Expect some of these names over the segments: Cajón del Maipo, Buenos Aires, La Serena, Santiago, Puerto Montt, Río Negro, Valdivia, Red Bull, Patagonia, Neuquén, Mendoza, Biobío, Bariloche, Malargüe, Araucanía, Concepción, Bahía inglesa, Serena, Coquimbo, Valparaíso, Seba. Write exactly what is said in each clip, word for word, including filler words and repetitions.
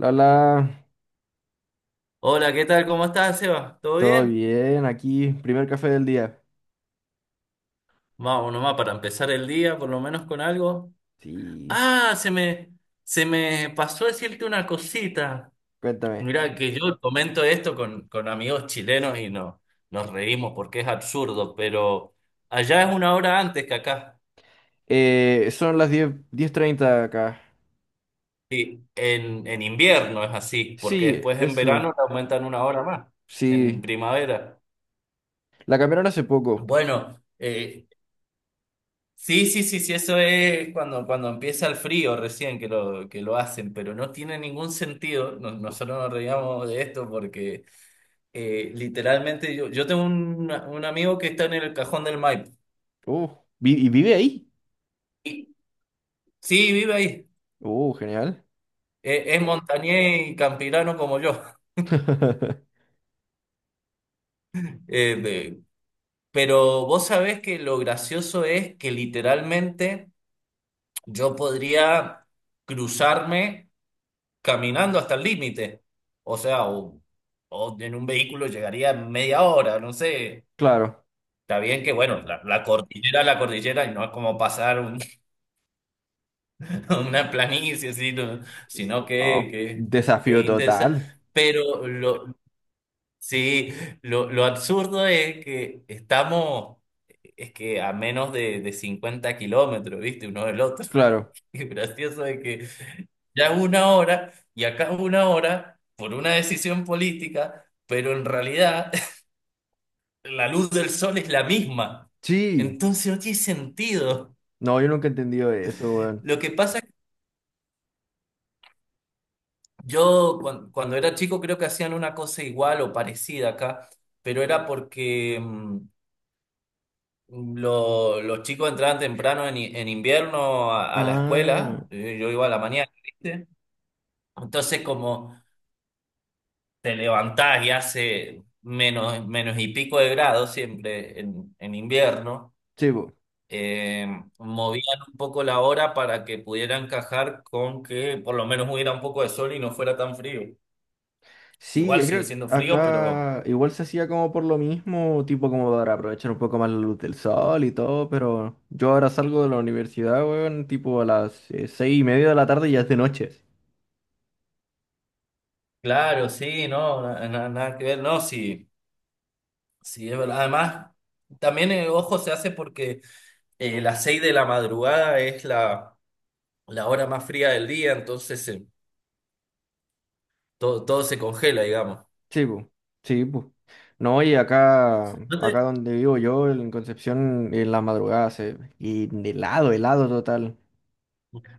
Lala, Hola, ¿qué tal? ¿Cómo estás, Seba? ¿Todo todo bien? bien, aquí, primer café del día. Vamos nomás para empezar el día, por lo menos con algo. Sí, Ah, se me, se me pasó decirte una cosita. cuéntame. Mirá, Mm. que yo comento esto con, con amigos chilenos y no, nos reímos porque es absurdo, pero allá es una hora antes que acá. Eh, son las diez diez treinta acá. Sí, en, en invierno es así, porque Sí, después en eso, verano le aumentan una hora más, en sí. primavera. La cambiaron hace poco. Bueno. eh, Sí, sí, sí, sí, eso es cuando, cuando empieza el frío recién que lo, que lo hacen, pero no tiene ningún sentido. No- Nosotros nos reíamos de esto porque eh, literalmente yo, yo tengo un, un amigo que está en el Cajón del Maipo. Uh, vi- ¿Y vive ahí? Y, sí, vive ahí. Uh, genial. E- Es, montañés y campirano como yo. Eh, de- pero vos sabés que lo gracioso es que literalmente yo podría cruzarme caminando hasta el límite. O sea, o, o en un vehículo llegaría en media hora, no sé. Claro. Está bien que, bueno, la, la cordillera, la cordillera, y no es como pasar un- una planicie, sino, sino que, Oh, que, que es desafío intensa. total. Pero lo, sí, lo, lo absurdo es que estamos, es que a menos de, de cincuenta kilómetros, ¿viste? Uno del otro. Claro. Y gracioso es que ya una hora y acá una hora por una decisión política, pero en realidad la luz del sol es la misma. Sí. Entonces no tiene sentido. No, yo nunca he entendido eso, weón. Lo que pasa es que yo cuan- cuando, era chico creo que hacían una cosa igual o parecida acá, pero era porque mm, lo- los chicos entraban temprano en, i- en invierno a, a la Ah, escuela, eh, yo iba a la mañana, ¿viste? Entonces como... te levantás y hace menos, menos y pico de grados siempre en, en invierno, sí, po. eh, movían un poco la hora para que pudiera encajar con que por lo menos hubiera un poco de sol y no fuera tan frío. Sí, Igual yo sigue creo que siendo frío, pero acá igual se hacía como por lo mismo, tipo como para aprovechar un poco más la luz del sol y todo, pero yo ahora salgo de la universidad, weón, tipo a las eh, seis y media de la tarde y ya es de noche. claro, sí, no, na- na- nada que ver, no, sí, sí, es verdad. Además, también el ojo se hace porque eh, las seis de la madrugada es la, la hora más fría del día, entonces eh, todo, todo se congela, digamos. Sí, pues, sí, pues. No, y acá, ¿No acá te, donde vivo yo, en Concepción, en la madrugada se... Y helado, helado total.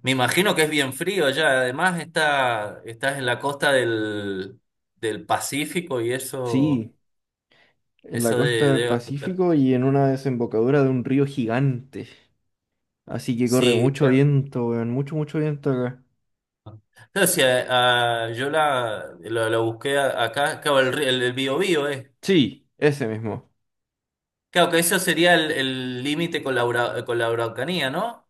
Me imagino que es bien frío allá. Además, está, estás en la costa del, del Pacífico y eso, Sí, en la eso costa de- del debe afectar. Pacífico y en una desembocadura de un río gigante. Así que corre Sí, mucho viento, weón, mucho, mucho viento acá. eh, o sea, ah, yo la, lo, lo busqué a- acá, claro, el, ri- el, el Biobío, eh. Sí, ese mismo. Claro, que eso sería el el límite con la, Ura- con la Araucanía, ¿no?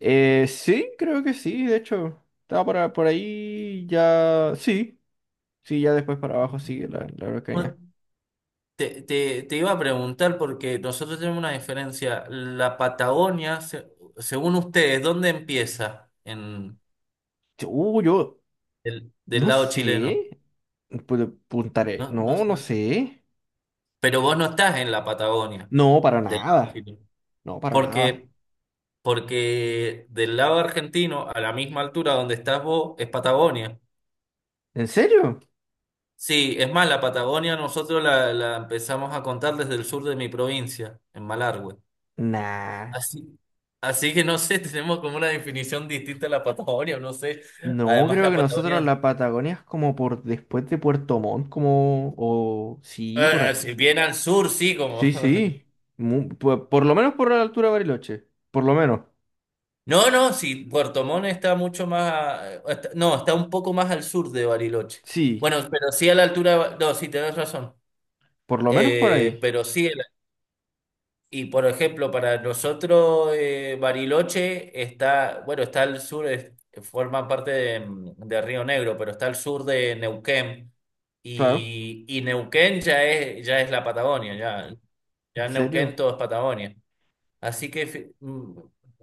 Eh, sí, creo que sí, de hecho, estaba por, por ahí ya. Sí, sí, ya después para abajo sigue la, la Bueno, Araucanía. Te, te, te iba a preguntar porque nosotros tenemos una diferencia. La Patagonia, se- según ustedes, ¿dónde empieza? En, Uh, yo del, del no lado chileno. sé. Pu- Puntaré. No, no No, sé. no sé. Pero vos no estás en la Patagonia No, para del lado nada. argentino. No, para nada. Porque, porque del lado argentino, a la misma altura donde estás vos, es Patagonia. ¿En serio? Sí, es más, la Patagonia nosotros la, la empezamos a contar desde el sur de mi provincia, en Malargüe. Nah. Así, así que no sé, tenemos como una definición distinta a la Patagonia, no sé. No, Además, creo la que nosotros Patagonia, la Patagonia es como por después de Puerto Montt, como. O. Sí, por ahí. eh, si bien al sur, sí, como. Sí, sí. Mu- por por lo menos por la altura de Bariloche. Por lo menos. No, no, sí, Puerto Montt está mucho más, a- está- no, está un poco más al sur de Bariloche. Sí, Bueno, pero sí a la altura, de Ba- no, sí, tenés razón. por lo menos por Eh, ahí. pero sí, el- y por ejemplo, para nosotros eh, Bariloche está, bueno, está al sur, es- forma parte de, de Río Negro, pero está al sur de Neuquén. Claro. Y, y Neuquén ya es, ya es la Patagonia, ya, ya ¿En en Neuquén serio? todo es Patagonia. Así que fi- mm,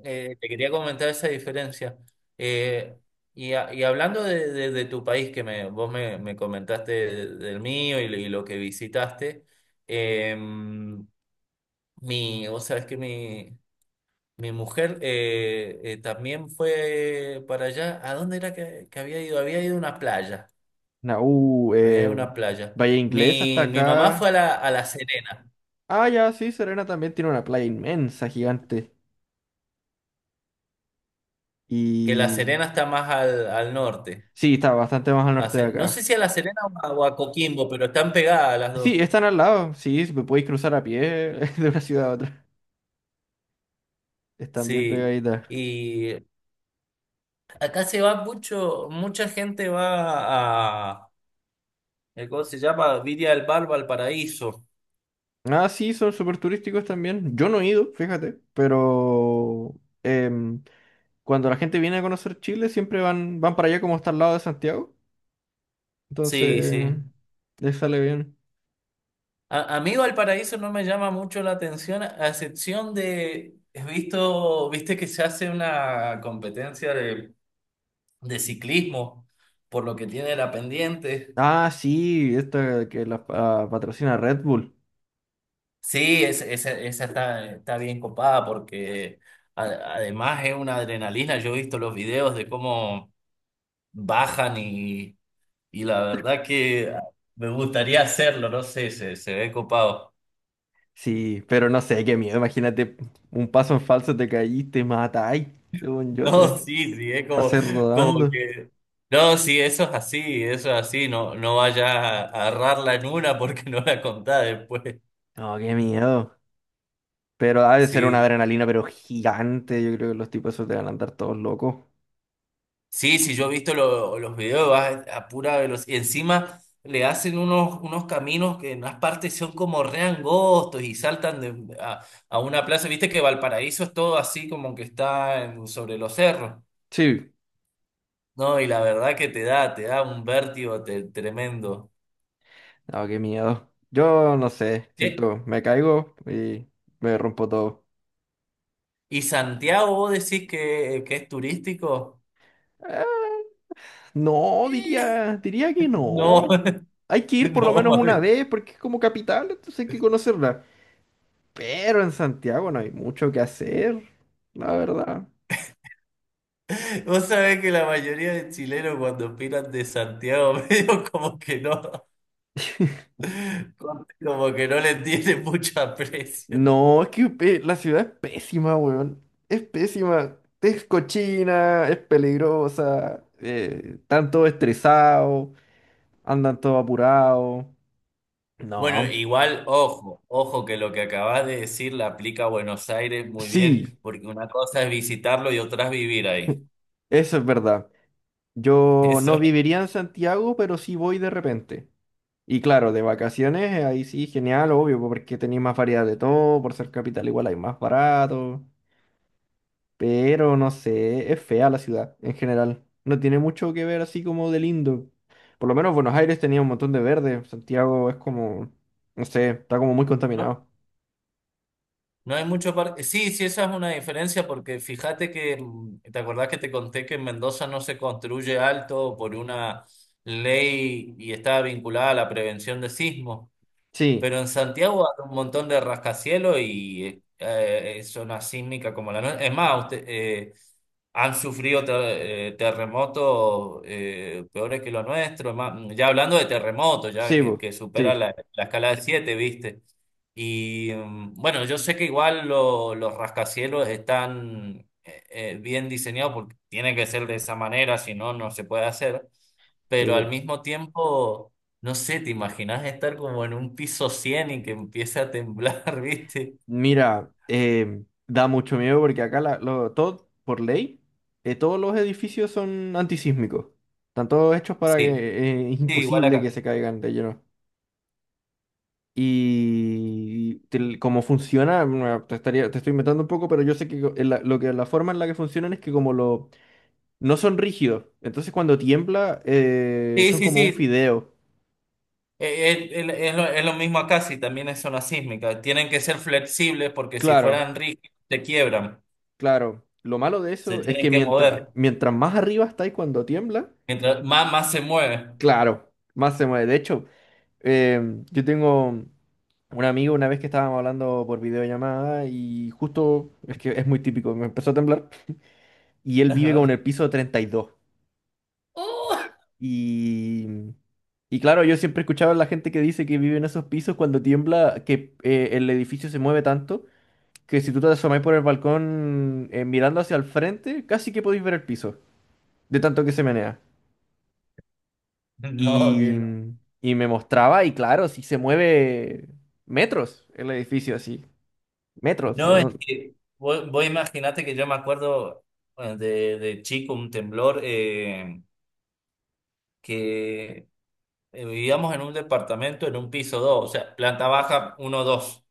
eh, te quería comentar esa diferencia. Eh, y, a- y hablando de, de- de tu país, que me, vos me, me comentaste de- del mío y, lo y lo que visitaste, eh, mi, vos sabés que mi, mi mujer eh, eh, también fue para allá. ¿A dónde era que, que había ido? Había ido a una playa. Na- uh, Había eh, ido a una playa. Bahía inglesa hasta Mi, mi mamá fue acá. a la, a La Serena, Ah, ya, sí, Serena también tiene una playa inmensa, gigante. que La Y Serena está más al, al norte. sí, está bastante más al norte de Hace- no sé acá. si a La Serena o a, o a Coquimbo, pero están pegadas las dos. Sí, están al lado. Sí, si me podéis cruzar a pie de una ciudad a otra. Están bien Sí. pegaditas. Y acá se va mucho, mucha gente va a, eh, ¿cómo se llama? Viria del Bar, Valparaíso. Ah, sí, son súper turísticos también. Yo no he ido, fíjate, pero em, cuando la gente viene a conocer Chile, siempre van, van para allá como está al lado de Santiago. Sí, Entonces, sí. les sale bien. A, a mí Valparaíso no me llama mucho la atención, a excepción de, he visto, viste que se hace una competencia de, de ciclismo, por lo que tiene la pendiente. Ah, sí, esta que la pa- patrocina Red Bull. Sí, es- esa esa está, está bien copada porque a- además es una adrenalina. Yo he visto los videos de cómo bajan y, y la verdad que me gustaría hacerlo, no sé, se, se ve copado. Sí, pero no sé, qué miedo. Imagínate, un paso en falso te caíste, matáis. Según yo te No, sí, sí, es como, pasé como rodando. que... No, sí, eso es así, eso es así, no, no vayas a agarrarla en una porque no la contás después. No, qué miedo. Pero ha de ser una Sí. adrenalina, pero gigante. Yo creo que los tipos esos te van a andar todos locos. Sí, sí, yo he visto lo- los videos, va a pura velocidad. Y encima le hacen unos, unos caminos que en unas partes son como re angostos y saltan de, a, a una plaza. Viste que Valparaíso es todo así como que está en- sobre los cerros. Sí, No, y la verdad que te da, te da un vértigo te- tremendo. no, qué miedo. Yo no sé, ¿Eh? siento, me caigo y me rompo todo. ¿Y Santiago vos decís que, que es turístico? Eh, no, Eh, diría, diría que No, no. Hay que ir por lo no, menos una mami. vez porque es como capital, entonces hay que conocerla. Pero en Santiago no hay mucho que hacer, la verdad. Vos sabés que la mayoría de chilenos cuando opinan de Santiago medio como que no. Como que no le tiene mucho aprecio. No, es que pe- la ciudad es pésima, weón. Es pésima. Es cochina, es peligrosa. Eh, están todos estresados, andan todos apurados. Bueno, No. igual, ojo, ojo que lo que acabas de decir le aplica a Buenos Aires muy Sí, bien, porque una cosa es visitarlo y otra es vivir ahí. eso es verdad. Yo Eso, no viviría en Santiago, pero sí voy de repente. Y claro, de vacaciones, eh, ahí sí, genial, obvio, porque tenéis más variedad de todo, por ser capital igual hay más barato. Pero no sé, es fea la ciudad en general. No tiene mucho que ver así como de lindo. Por lo menos Buenos Aires tenía un montón de verde. Santiago es como, no sé, está como muy no, contaminado. no hay mucho parque. Sí, sí, esa es una diferencia, porque fíjate que, mm, ¿te acordás que te conté que en Mendoza no se construye alto por una ley y está vinculada a la prevención de sismos? Sí, Pero en Santiago hay un montón de rascacielos y eh, eh, zona sísmica como la nuestra. Es más, usted, eh, han sufrido ter- eh, terremotos eh, peores que los nuestros. más- ya hablando de terremotos, ya sí, que, bo, que supera sí, la, la escala de siete, ¿viste? Y mm, bueno, yo sé que igual lo- los rascacielos están eh, eh, bien diseñados porque tiene que ser de esa manera, si no, no se puede hacer, sí, pero al bo. mismo tiempo no sé, ¿te imaginas estar como en un piso cien y que empiece a temblar, viste? Mira, eh, da mucho miedo porque acá la, lo- todo, por ley, eh, todos los edificios son antisísmicos. Están todos hechos para que Sí, eh, es sí, igual imposible que acá. se caigan de lleno. Y tel- cómo funciona, bueno, te estaría, te estoy inventando un poco, pero yo sé que co- en la, lo que, la forma en la que funcionan es que como lo, no son rígidos, entonces cuando tiembla eh, Sí, son sí, como un sí. fideo. Eh, eh, el- Es, lo, es lo mismo acá, si también es zona sísmica. Tienen que ser flexibles porque si Claro, fueran rígidos se quiebran, claro. Lo malo de se eso es tienen que que mientras, mover. mientras más arriba estáis cuando tiembla, Mientras más, más se mueven. claro, más se mueve. De hecho, eh, yo tengo un amigo una vez que estábamos hablando por videollamada y justo, es que es muy típico, me empezó a temblar y él vive como en Ajá. el piso treinta y dos. ¡Oh! Y, y claro, yo siempre he escuchado a la gente que dice que vive en esos pisos cuando tiembla, que eh, el edificio se mueve tanto que si tú te asomás por el balcón eh, mirando hacia el frente, casi que podéis ver el piso, de tanto que se menea. No, que Y, no. y me mostraba, y claro, si se mueve metros el edificio así, metros. No, es ¿No? que vos, vos imaginate que yo me acuerdo, bueno, de, de chico un temblor eh, que eh, vivíamos en un departamento en un piso dos, o sea, planta baja uno, dos,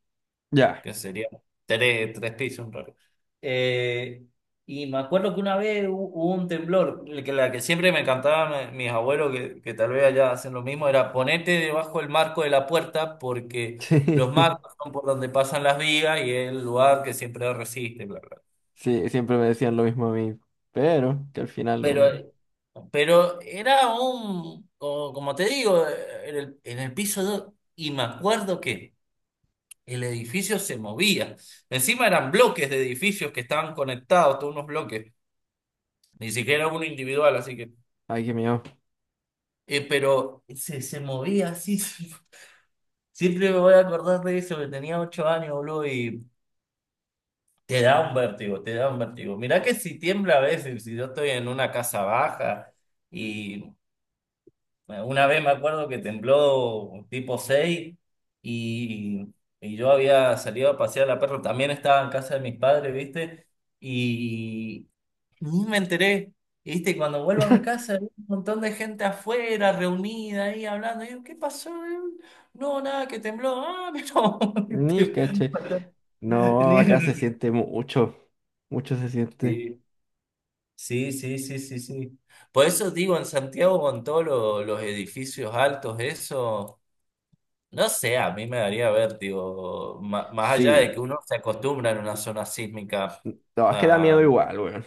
Ya. que sería tres, tres pisos en realidad. Eh, y me acuerdo que una vez hu- hubo un temblor, el que la que siempre me cantaban eh, mis abuelos, que, que tal vez allá hacen lo mismo, era ponete debajo del marco de la puerta porque los marcos son por donde pasan las vigas y es el lugar que siempre resiste, bla, bla. Sí, sí, siempre me decían lo mismo a mí, pero que al final lo... Pero eh, pero era un, como, como te digo, eh, en el, en el piso dos y me acuerdo que el edificio se movía. Encima eran bloques de edificios que estaban conectados, todos unos bloques. Ni siquiera uno individual, así que Ay, qué miedo. eh, pero se, se movía así. Sí. Siempre me voy a acordar de eso, que tenía ocho años, boludo, y te da un vértigo, te da un vértigo. Mirá que si tiembla a veces, si yo estoy en una casa baja y bueno, una vez me acuerdo que tembló tipo seis y, y yo había salido a pasear a la perro, también estaba en casa de mis padres, ¿viste? Y ni me enteré, ¿viste? Y cuando vuelvo a mi casa, había un montón de gente afuera, reunida ahí hablando. Y yo, ¿qué pasó? No, nada, que tembló. Ah, pero... Ni caché. ¿viste? No, acá se Ni- siente mucho. Mucho se siente. Sí, sí, sí, sí, sí, sí. Por eso digo, en Santiago con todos lo- los edificios altos, eso... No sé, a mí me daría vértigo, ma- más allá de Sí. que uno se acostumbra en una zona sísmica, No, es que da miedo ah, igual, weón.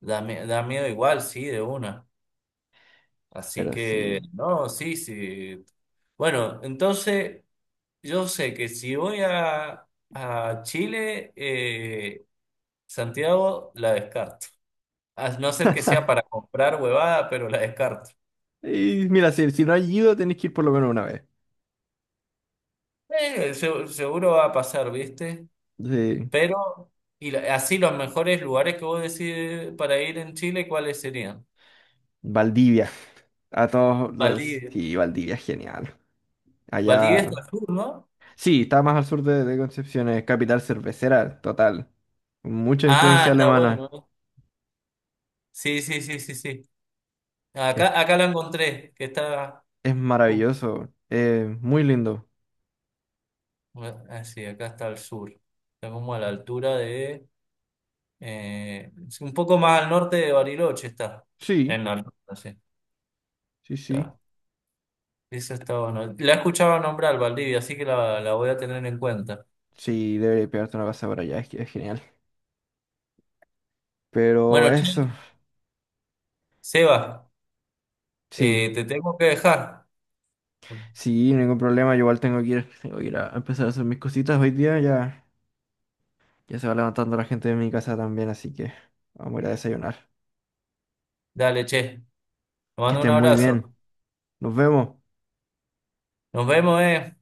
da, mi- da miedo igual, sí, de una. Así Pero que, sí. no, sí, sí. Bueno, entonces yo sé que si voy a, a Chile, eh, Santiago la descarto. A no ser que sea para comprar huevada, pero la descarto. Y mira, si, si no has ido, tenés que ir por lo menos una vez. Eh, se- seguro va a pasar, ¿viste? Sí. Pero, y la- así los mejores lugares que vos decís para ir en Chile, ¿cuáles serían? Valdivia. A todos los- Valdivia. sí, Valdivia es genial. Valdivia Allá. está al sur, ¿no? Sí, está más al sur de, de Concepción, es capital cervecera, total. Mucha Ah, influencia está alemana. bueno. ¿eh? Sí, sí, sí, sí, sí. Es, Acá, acá la encontré, que está. es uh, maravilloso. Eh, muy lindo. ah, sí, acá está al sur. Está como a la altura de. eh, es un poco más al norte de Bariloche está. Sí, En la altura, sí. sí, sí. Está. Eso está bueno. La he escuchado nombrar, Valdivia, así que la, la voy a tener en cuenta. Sí, debería pegarte una pasada por allá, es, que es genial. Pero Bueno, che, eso, Seba, sí, eh, te tengo que dejar. sí, ningún problema. Yo igual tengo que ir, tengo que ir a empezar a hacer mis cositas hoy día. Ya, ya se va levantando la gente de mi casa también, así que vamos a ir a desayunar. Dale, che. Te Que mando un estén muy bien. abrazo. Nos vemos. Nos vemos, eh.